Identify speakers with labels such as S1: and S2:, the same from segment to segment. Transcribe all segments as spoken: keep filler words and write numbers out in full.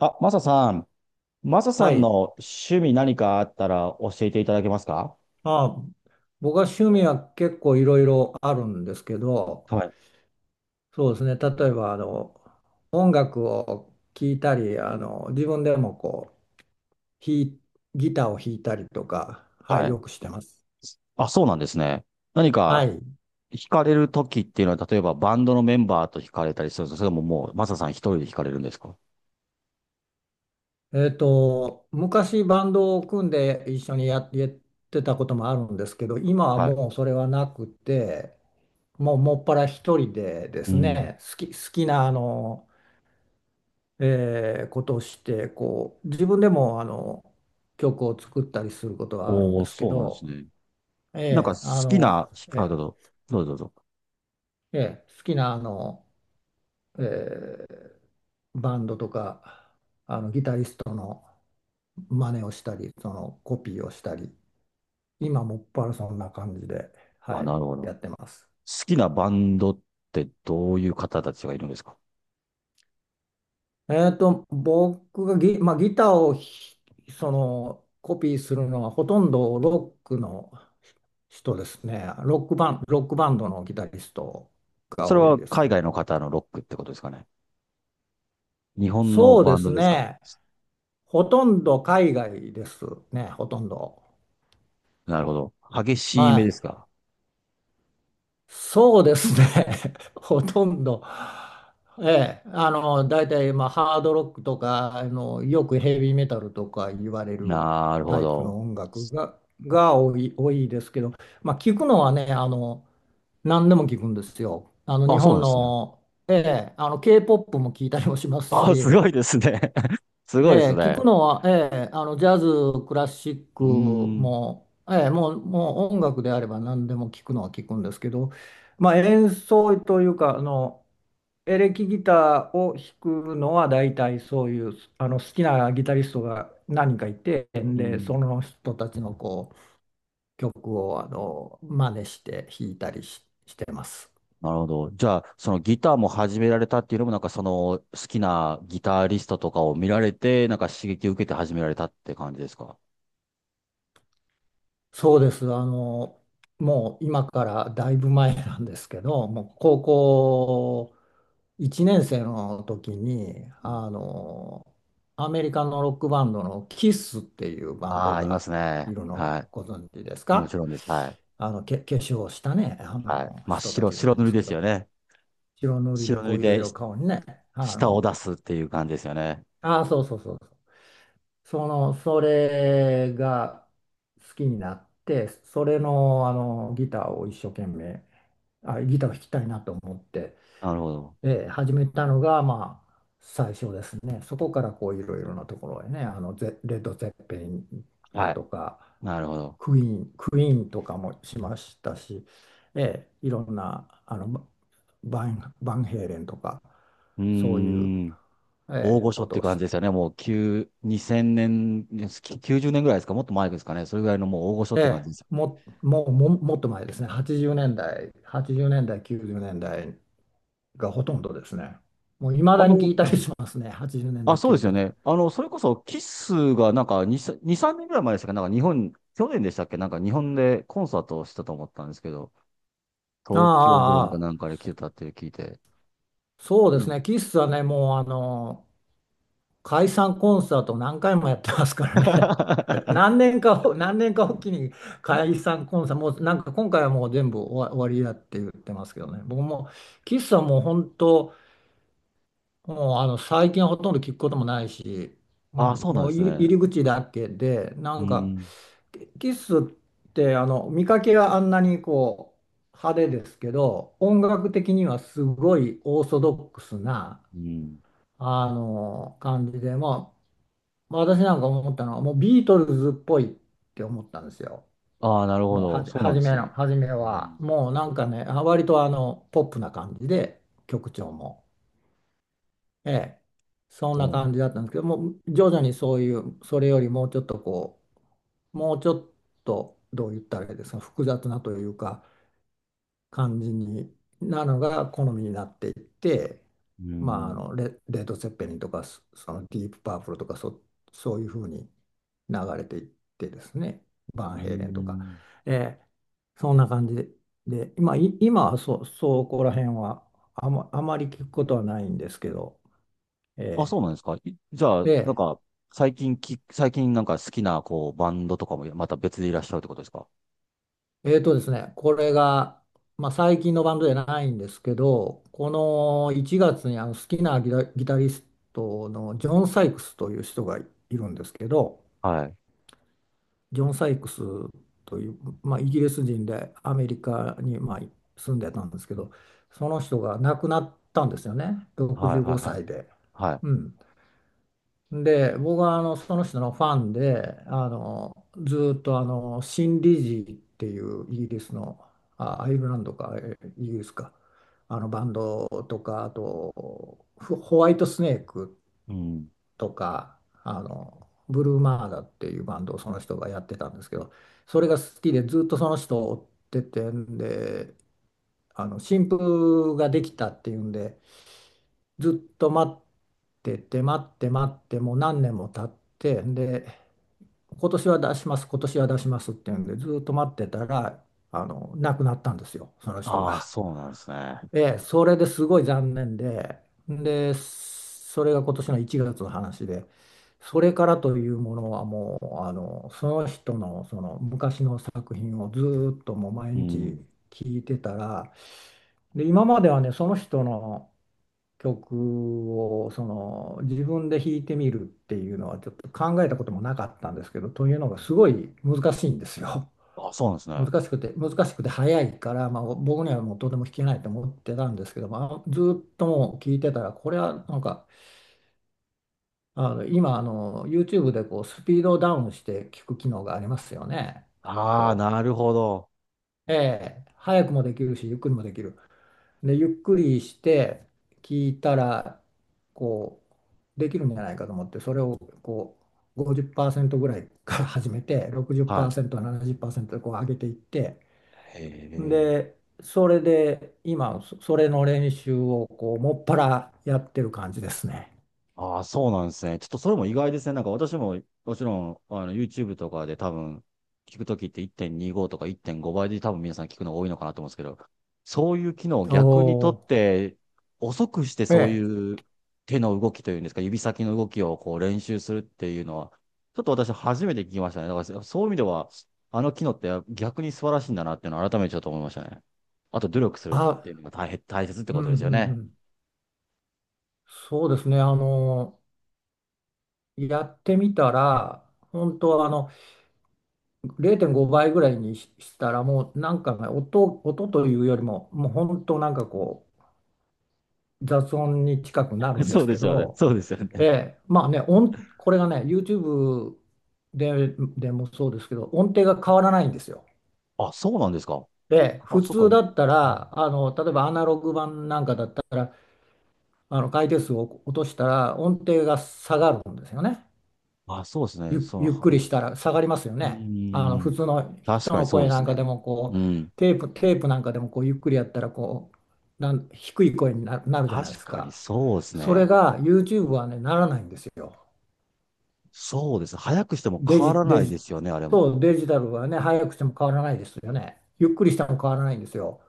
S1: あ、マサさん、マサさ
S2: は
S1: ん
S2: い。
S1: の趣味何かあったら教えていただけますか？
S2: まあ、僕は趣味は結構いろいろあるんですけど、
S1: はい。
S2: そうですね。例えば、あの、音楽を聴いたり、あの、自分でもこう、弾いギターを弾いたりとか、は
S1: は
S2: い、
S1: い。
S2: よくしてます。
S1: あ、そうなんですね。何
S2: は
S1: か
S2: い。
S1: 惹かれる時っていうのは、例えばバンドのメンバーと惹かれたりするんですか？それとももうマサさん一人で惹かれるんですか？
S2: えっと、昔バンドを組んで一緒にややってたこともあるんですけど、今は
S1: は
S2: もうそれはなくて、もうもっぱら一人でで
S1: い。う
S2: す
S1: ん。
S2: ね、好き、好きなあのえーことをしてこう自分でもあの曲を作ったりすることはあるん
S1: おー、
S2: ですけ
S1: そうなんです
S2: ど、
S1: ね。なんか
S2: え
S1: 好
S2: ーあ
S1: き
S2: の
S1: な、あ、ど
S2: え
S1: うぞ、どうぞどうぞ。
S2: ーえー好きなあの、えーバンドとかあのギタリストの真似をしたりそのコピーをしたり今もっぱらそんな感じで、は
S1: あ、
S2: い、
S1: なるほど。
S2: や
S1: 好
S2: ってます。
S1: きなバンドってどういう方たちがいるんですか？
S2: えっと、僕がギ、まあ、ギターをひそのコピーするのはほとんどロックの人ですね。ロックバン、ロックバンドのギタリストが
S1: それ
S2: 多い
S1: は
S2: です。
S1: 海外の方のロックってことですかね。日本の
S2: そうで
S1: バンド
S2: す
S1: ですか？
S2: ね。ほとんど海外ですね、ほとんど。
S1: なるほど。激しい目
S2: は
S1: で
S2: い。
S1: すか。
S2: そうですね。ほとんど。ええ、あの、大体、まあ、ハードロックとか、あの、よくヘビーメタルとか言われる
S1: なるほ
S2: タイプ
S1: ど。
S2: の音楽が、が多い、多いですけど、まあ、聞くのはね、あの、何でも聞くんですよ。あの、日
S1: あ、そうな
S2: 本
S1: んですね。
S2: の、ええ、あの、K-ケーポップ も聞いたりもします
S1: あ、す
S2: し、
S1: ごいですね。すごいで
S2: え
S1: す
S2: え、聞く
S1: ね。
S2: のは、ええ、あの、ジャズ、クラシック
S1: うーん。
S2: も、ええ、もう、もう音楽であれば何でも聞くのは聞くんですけど、まあ、演奏というか、あの、エレキギターを弾くのは大体そういう、あの、好きなギタリストが何人かいて、
S1: う
S2: で、そ
S1: ん。
S2: の人たちのこう、曲を、あの、真似して弾いたりし、してます。
S1: なるほど。じゃあ、そのギターも始められたっていうのも、なんかその好きなギタリストとかを見られて、なんか刺激を受けて始められたって感じですか。
S2: そうです。あの、もう今からだいぶ前なんですけど、もう高校いちねん生の時に、
S1: うん。
S2: あの、アメリカのロックバンドのキスっていうバン
S1: あ
S2: ド
S1: あ、いま
S2: が
S1: すね。
S2: いるの
S1: は
S2: ご存知です
S1: い。もち
S2: か？
S1: ろんです。はい。
S2: あの、け、化粧をしたね、あ
S1: はい。
S2: の、
S1: 真っ
S2: 人た
S1: 白、
S2: ちがい
S1: 白
S2: ま
S1: 塗り
S2: す
S1: で
S2: け
S1: す
S2: ど、
S1: よね。
S2: 白塗り
S1: 白
S2: で
S1: 塗
S2: こ
S1: り
S2: ういろい
S1: で
S2: ろ
S1: し
S2: 顔にね、あ
S1: 舌を
S2: の、
S1: 出すっていう感じですよね。
S2: ああ、そうそうそうそう。その、それが好きになって、それの、あの、ギターを一生懸命、あ、ギターを弾きたいなと思って、
S1: なるほど。
S2: えー始めたのが、まあ、最初ですね。そこからこういろいろなところへね、あのゼ、レッド・ゼッペリンだ
S1: はい。
S2: とか、
S1: なるほど。
S2: クイーン、クイーンとかもしましたし、えーいろんなあのババン、バンヘイレンとか、
S1: うー
S2: そういう、
S1: ん。大
S2: えー
S1: 御所
S2: こ
S1: っ
S2: と
S1: て
S2: を
S1: 感
S2: し
S1: じですよね。もう、きゅう、にせんねん、きゅうじゅうねんぐらいですか、もっと前ですかね。それぐらいのもう大御所って感
S2: て、
S1: じです。
S2: も、もう、も、もっと前ですね、はちじゅうねんだい、はちじゅうねんだい、きゅうじゅうねんだいがほとんどですね。もういま
S1: あ
S2: だ
S1: の、
S2: に聞いた
S1: う
S2: り
S1: ん。
S2: しますね、80年
S1: あ、
S2: 代、
S1: そうです
S2: 90
S1: よ
S2: 年代。
S1: ね。あの、それこそ、キスがなんかに、に、さんねんぐらい前でしたっけ？なんか日本、去年でしたっけ？なんか日本でコンサートをしたと思ったんですけど、
S2: あ
S1: 東京ドー
S2: あ、
S1: ム
S2: あ
S1: かな
S2: あ、
S1: んかで来てたって聞いて。
S2: そうで
S1: う
S2: す
S1: ん。
S2: ね、キスはね、もうあの解散コンサートを何回もやってますからね、何 年かを、何年かおきに解散コンサート、もうなんか今回はもう全部終わ、終わりだって言ってますけどね、僕もキスはもう本当、もうあの最近はほとんど聞くこともないし、
S1: あ、そうな
S2: も
S1: んで
S2: う
S1: す
S2: 入り
S1: ね。
S2: 入り口だけで、な
S1: う
S2: んか
S1: ん。
S2: キスってあの見かけがあんなにこう派手ですけど、音楽的にはすごいオーソドックスな。
S1: うん。
S2: あの感じで、まあ、私なんか思ったのは、もうビートルズっぽいって思ったんですよ。
S1: ああ、なるほ
S2: もうは
S1: ど。
S2: じ、
S1: そうなん
S2: 初
S1: で
S2: め
S1: すね。
S2: の、初め
S1: う
S2: は、
S1: ん。
S2: もうなんかね、あ割とあの、ポップな感じで、曲調も。ええ、そんな感じ
S1: そ
S2: だったんですけど、もう徐々にそういう、それよりもうちょっとこう、もうちょっと、どう言ったらいいですか、複雑なというか、感じになのが好みになっていって、
S1: う。う
S2: まあ、あ
S1: ん。
S2: のレ、レッド・ツェッペリンとかそそのディープ・パープルとかそ、そういうふうに流れていってですね
S1: う
S2: バンヘイレンとか、
S1: ん。
S2: えーそんな感じで、でまあ、い今はそ、そこら辺はあま、あまり聞くことはないんですけど、
S1: あ、そう
S2: え
S1: なんですか。いじゃ
S2: ー
S1: あ、なん
S2: で
S1: か、最近き、最近なんか好きな、こう、バンドとかもまた別でいらっしゃるってことですか？
S2: えーとですね、これが、まあ、最近のバンドじゃないんですけど、このいちがつにあの好きなギタ、ギタリストのジョン・サイクスという人がいるんですけど、
S1: はい。
S2: ジョン・サイクスという、まあ、イギリス人でアメリカに、まあ、住んでたんですけど、その人が亡くなったんですよね、
S1: はい、
S2: 65
S1: は
S2: 歳で。
S1: い、はい。は
S2: うんで、僕はあのその人のファンで、あのずーっとあのシン・リジーっていうイギリスの、あ、アイルランドか、えイギリスか、あのバンドとか、あとホホワイトスネーク
S1: い。うん。
S2: とか、あのブルーマーダっていうバンドをその人がやってたんですけど、それが好きでずーっとその人を追っててんで、あの新譜ができたっていうんで、ずっと待ってて待って待ってもう何年も経ってで今年は出します今年は出しますっていうんでずっと待ってたらあの亡くなったんですよその人
S1: ああ、
S2: が。
S1: そうなんですね。
S2: ええ、それですごい残念ででそれが今年のいちがつの話でそれからというものはもうあのその人のその昔の作品をずーっともう毎
S1: う
S2: 日
S1: ん。
S2: 聞いてたらで今まではねその人の曲をその自分で弾いてみるっていうのはちょっと考えたこともなかったんですけど、というのがすごい難しいんですよ。
S1: あ、そうなんです ね。
S2: 難しくて、難しくて早いから、まあ、僕にはもうとても弾けないと思ってたんですけど、まあ、ずっともう聞いてたら、これはなんか、あの今あの YouTube でこうスピードをダウンして聞く機能がありますよね。
S1: ああ、
S2: こ
S1: なるほど。
S2: う、ええ、早くもできるし、ゆっくりもできる。で、ゆっくりして聞いたら、こう、できるんじゃないかと思って、それをこう、ごじゅうパーセントぐらいから始めて、
S1: は
S2: ろくじゅうパーセント、ななじゅうパーセントでこう上げていって、
S1: い。へえ。
S2: で、それで今、そそれの練習をこう、もっぱらやってる感じですね。
S1: ああ、そうなんですね。ちょっとそれも意外ですね。なんか私も、もちろん、あの、YouTube とかで多分、聞くときっていってんにごとかいってんごばいで多分皆さん聞くの多いのかなと思うんですけど、そういう機能を
S2: お
S1: 逆にとっ
S2: お、
S1: て、遅くして
S2: え
S1: そう
S2: え、
S1: いう手の動きというんですか、指先の動きをこう練習するっていうのは、ちょっと私初めて聞きましたね。だからそういう意味では、あの機能って逆に素晴らしいんだなっていうのを改めてちょっと思いましたね。あと努力するって
S2: あ、
S1: いうのが大変、大切って
S2: う
S1: こ
S2: ん
S1: とで
S2: う
S1: すよ
S2: んう
S1: ね。
S2: ん。そうですね、あの、やってみたら、本当あの、れいてんごばいぐらいにししたらもうなんかね音、音というよりももう本当なんかこう雑音に近くなる んで
S1: そう
S2: す
S1: で
S2: け
S1: すよね。
S2: ど、
S1: そうですよ
S2: え
S1: ね。
S2: え、まあね音これがね YouTube で、でもそうですけど音程が変わらないんですよ。
S1: あ、そうなんですか。
S2: で
S1: あ、
S2: 普
S1: そっか。
S2: 通
S1: うん。
S2: だったらあの例えばアナログ版なんかだったらあの回転数を落としたら音程が下がるんですよね。
S1: あ、そうですね。
S2: ゆ、
S1: そう。
S2: ゆっくり
S1: は
S2: したら下がりますよ
S1: う
S2: ね。あの
S1: ー
S2: 普
S1: ん。
S2: 通の
S1: 確
S2: 人
S1: かに
S2: の
S1: そう
S2: 声
S1: で
S2: な
S1: す
S2: んか
S1: ね。
S2: でもこ
S1: う
S2: う
S1: ん。
S2: テープ、テープなんかでもこうゆっくりやったらこうなん低い声にな、なるじゃな
S1: 確
S2: いです
S1: かに
S2: か。
S1: そうです
S2: それ
S1: ね。
S2: が YouTube はね、ならないんですよ。
S1: そうです。早くしても
S2: デ
S1: 変わ
S2: ジ、
S1: らな
S2: デ
S1: いで
S2: ジ、
S1: すよね、あれも。
S2: そう、デジタルはね、早くしても変わらないですよね。ゆっくりしても変わらないんですよ。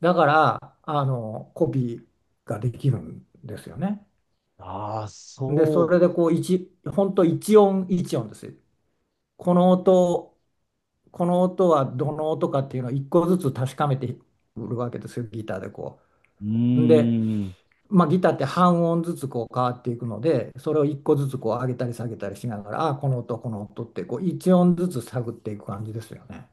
S2: だから、あの、コピーができるんですよね。
S1: ああ、
S2: で、そ
S1: そ
S2: れでこう、一、本当一音一音です。この音この音はどの音かっていうのを一個ずつ確かめてくるわけですよ、ギターでこ
S1: う。う
S2: う。で、
S1: ーん。
S2: まあ、ギターって半音ずつこう変わっていくので、それを一個ずつこう上げたり下げたりしながら、ああ、この音、この音ってこう一音ずつ探っていく感じですよね。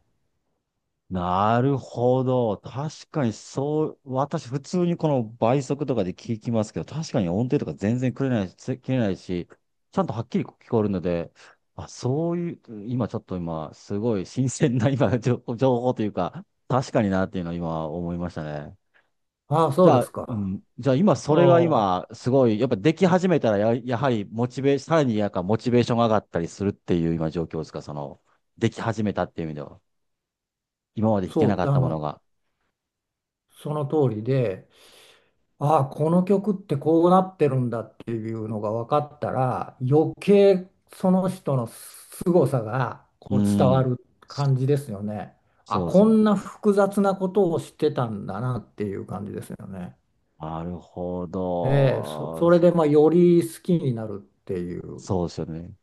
S1: なるほど。確かにそう、私普通にこの倍速とかで聞きますけど、確かに音程とか全然切れないし、つ切れないし、ちゃんとはっきり聞こえるので、あ、そういう、今ちょっと今、すごい新鮮な今、情情報というか、確かになっていうのを今思いましたね。
S2: ああ、そ
S1: じ
S2: う
S1: ゃ
S2: で
S1: あ、
S2: す
S1: う
S2: か。
S1: ん、じゃあ今そ
S2: あ
S1: れが
S2: あ、
S1: 今、すごい、やっぱでき始めたらや、やはりモチベー、さらになんかモチベーションが上がったりするっていう今状況ですか、その、でき始めたっていう意味では。今まで弾けな
S2: そ
S1: か
S2: う、
S1: っ
S2: あ
S1: たもの
S2: の、
S1: が。
S2: その通りで、ああ、この曲ってこうなってるんだっていうのが分かったら、余計その人の凄さがこ
S1: う
S2: う伝わ
S1: ん。
S2: る感じですよね。あ、
S1: そうです
S2: こ
S1: よね。
S2: んな複雑なことをしてたんだなっていう感じですよね。
S1: なるほ
S2: ええ、そ、そ
S1: ど。
S2: れでまあより好きになるっていう、
S1: そうですよね。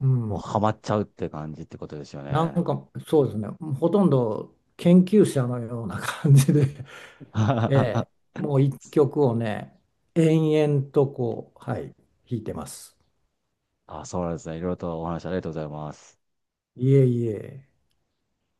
S2: う
S1: もう
S2: ん、
S1: ハマっちゃうって感じってことですよ
S2: なん
S1: ね。
S2: かそうですね、ほとんど研究者のような感じで、え え、もう一曲をね、延々とこう、はい、弾いてます。
S1: あ、そうなんですね。いろいろとお話ありがとうございます。
S2: いえいえ。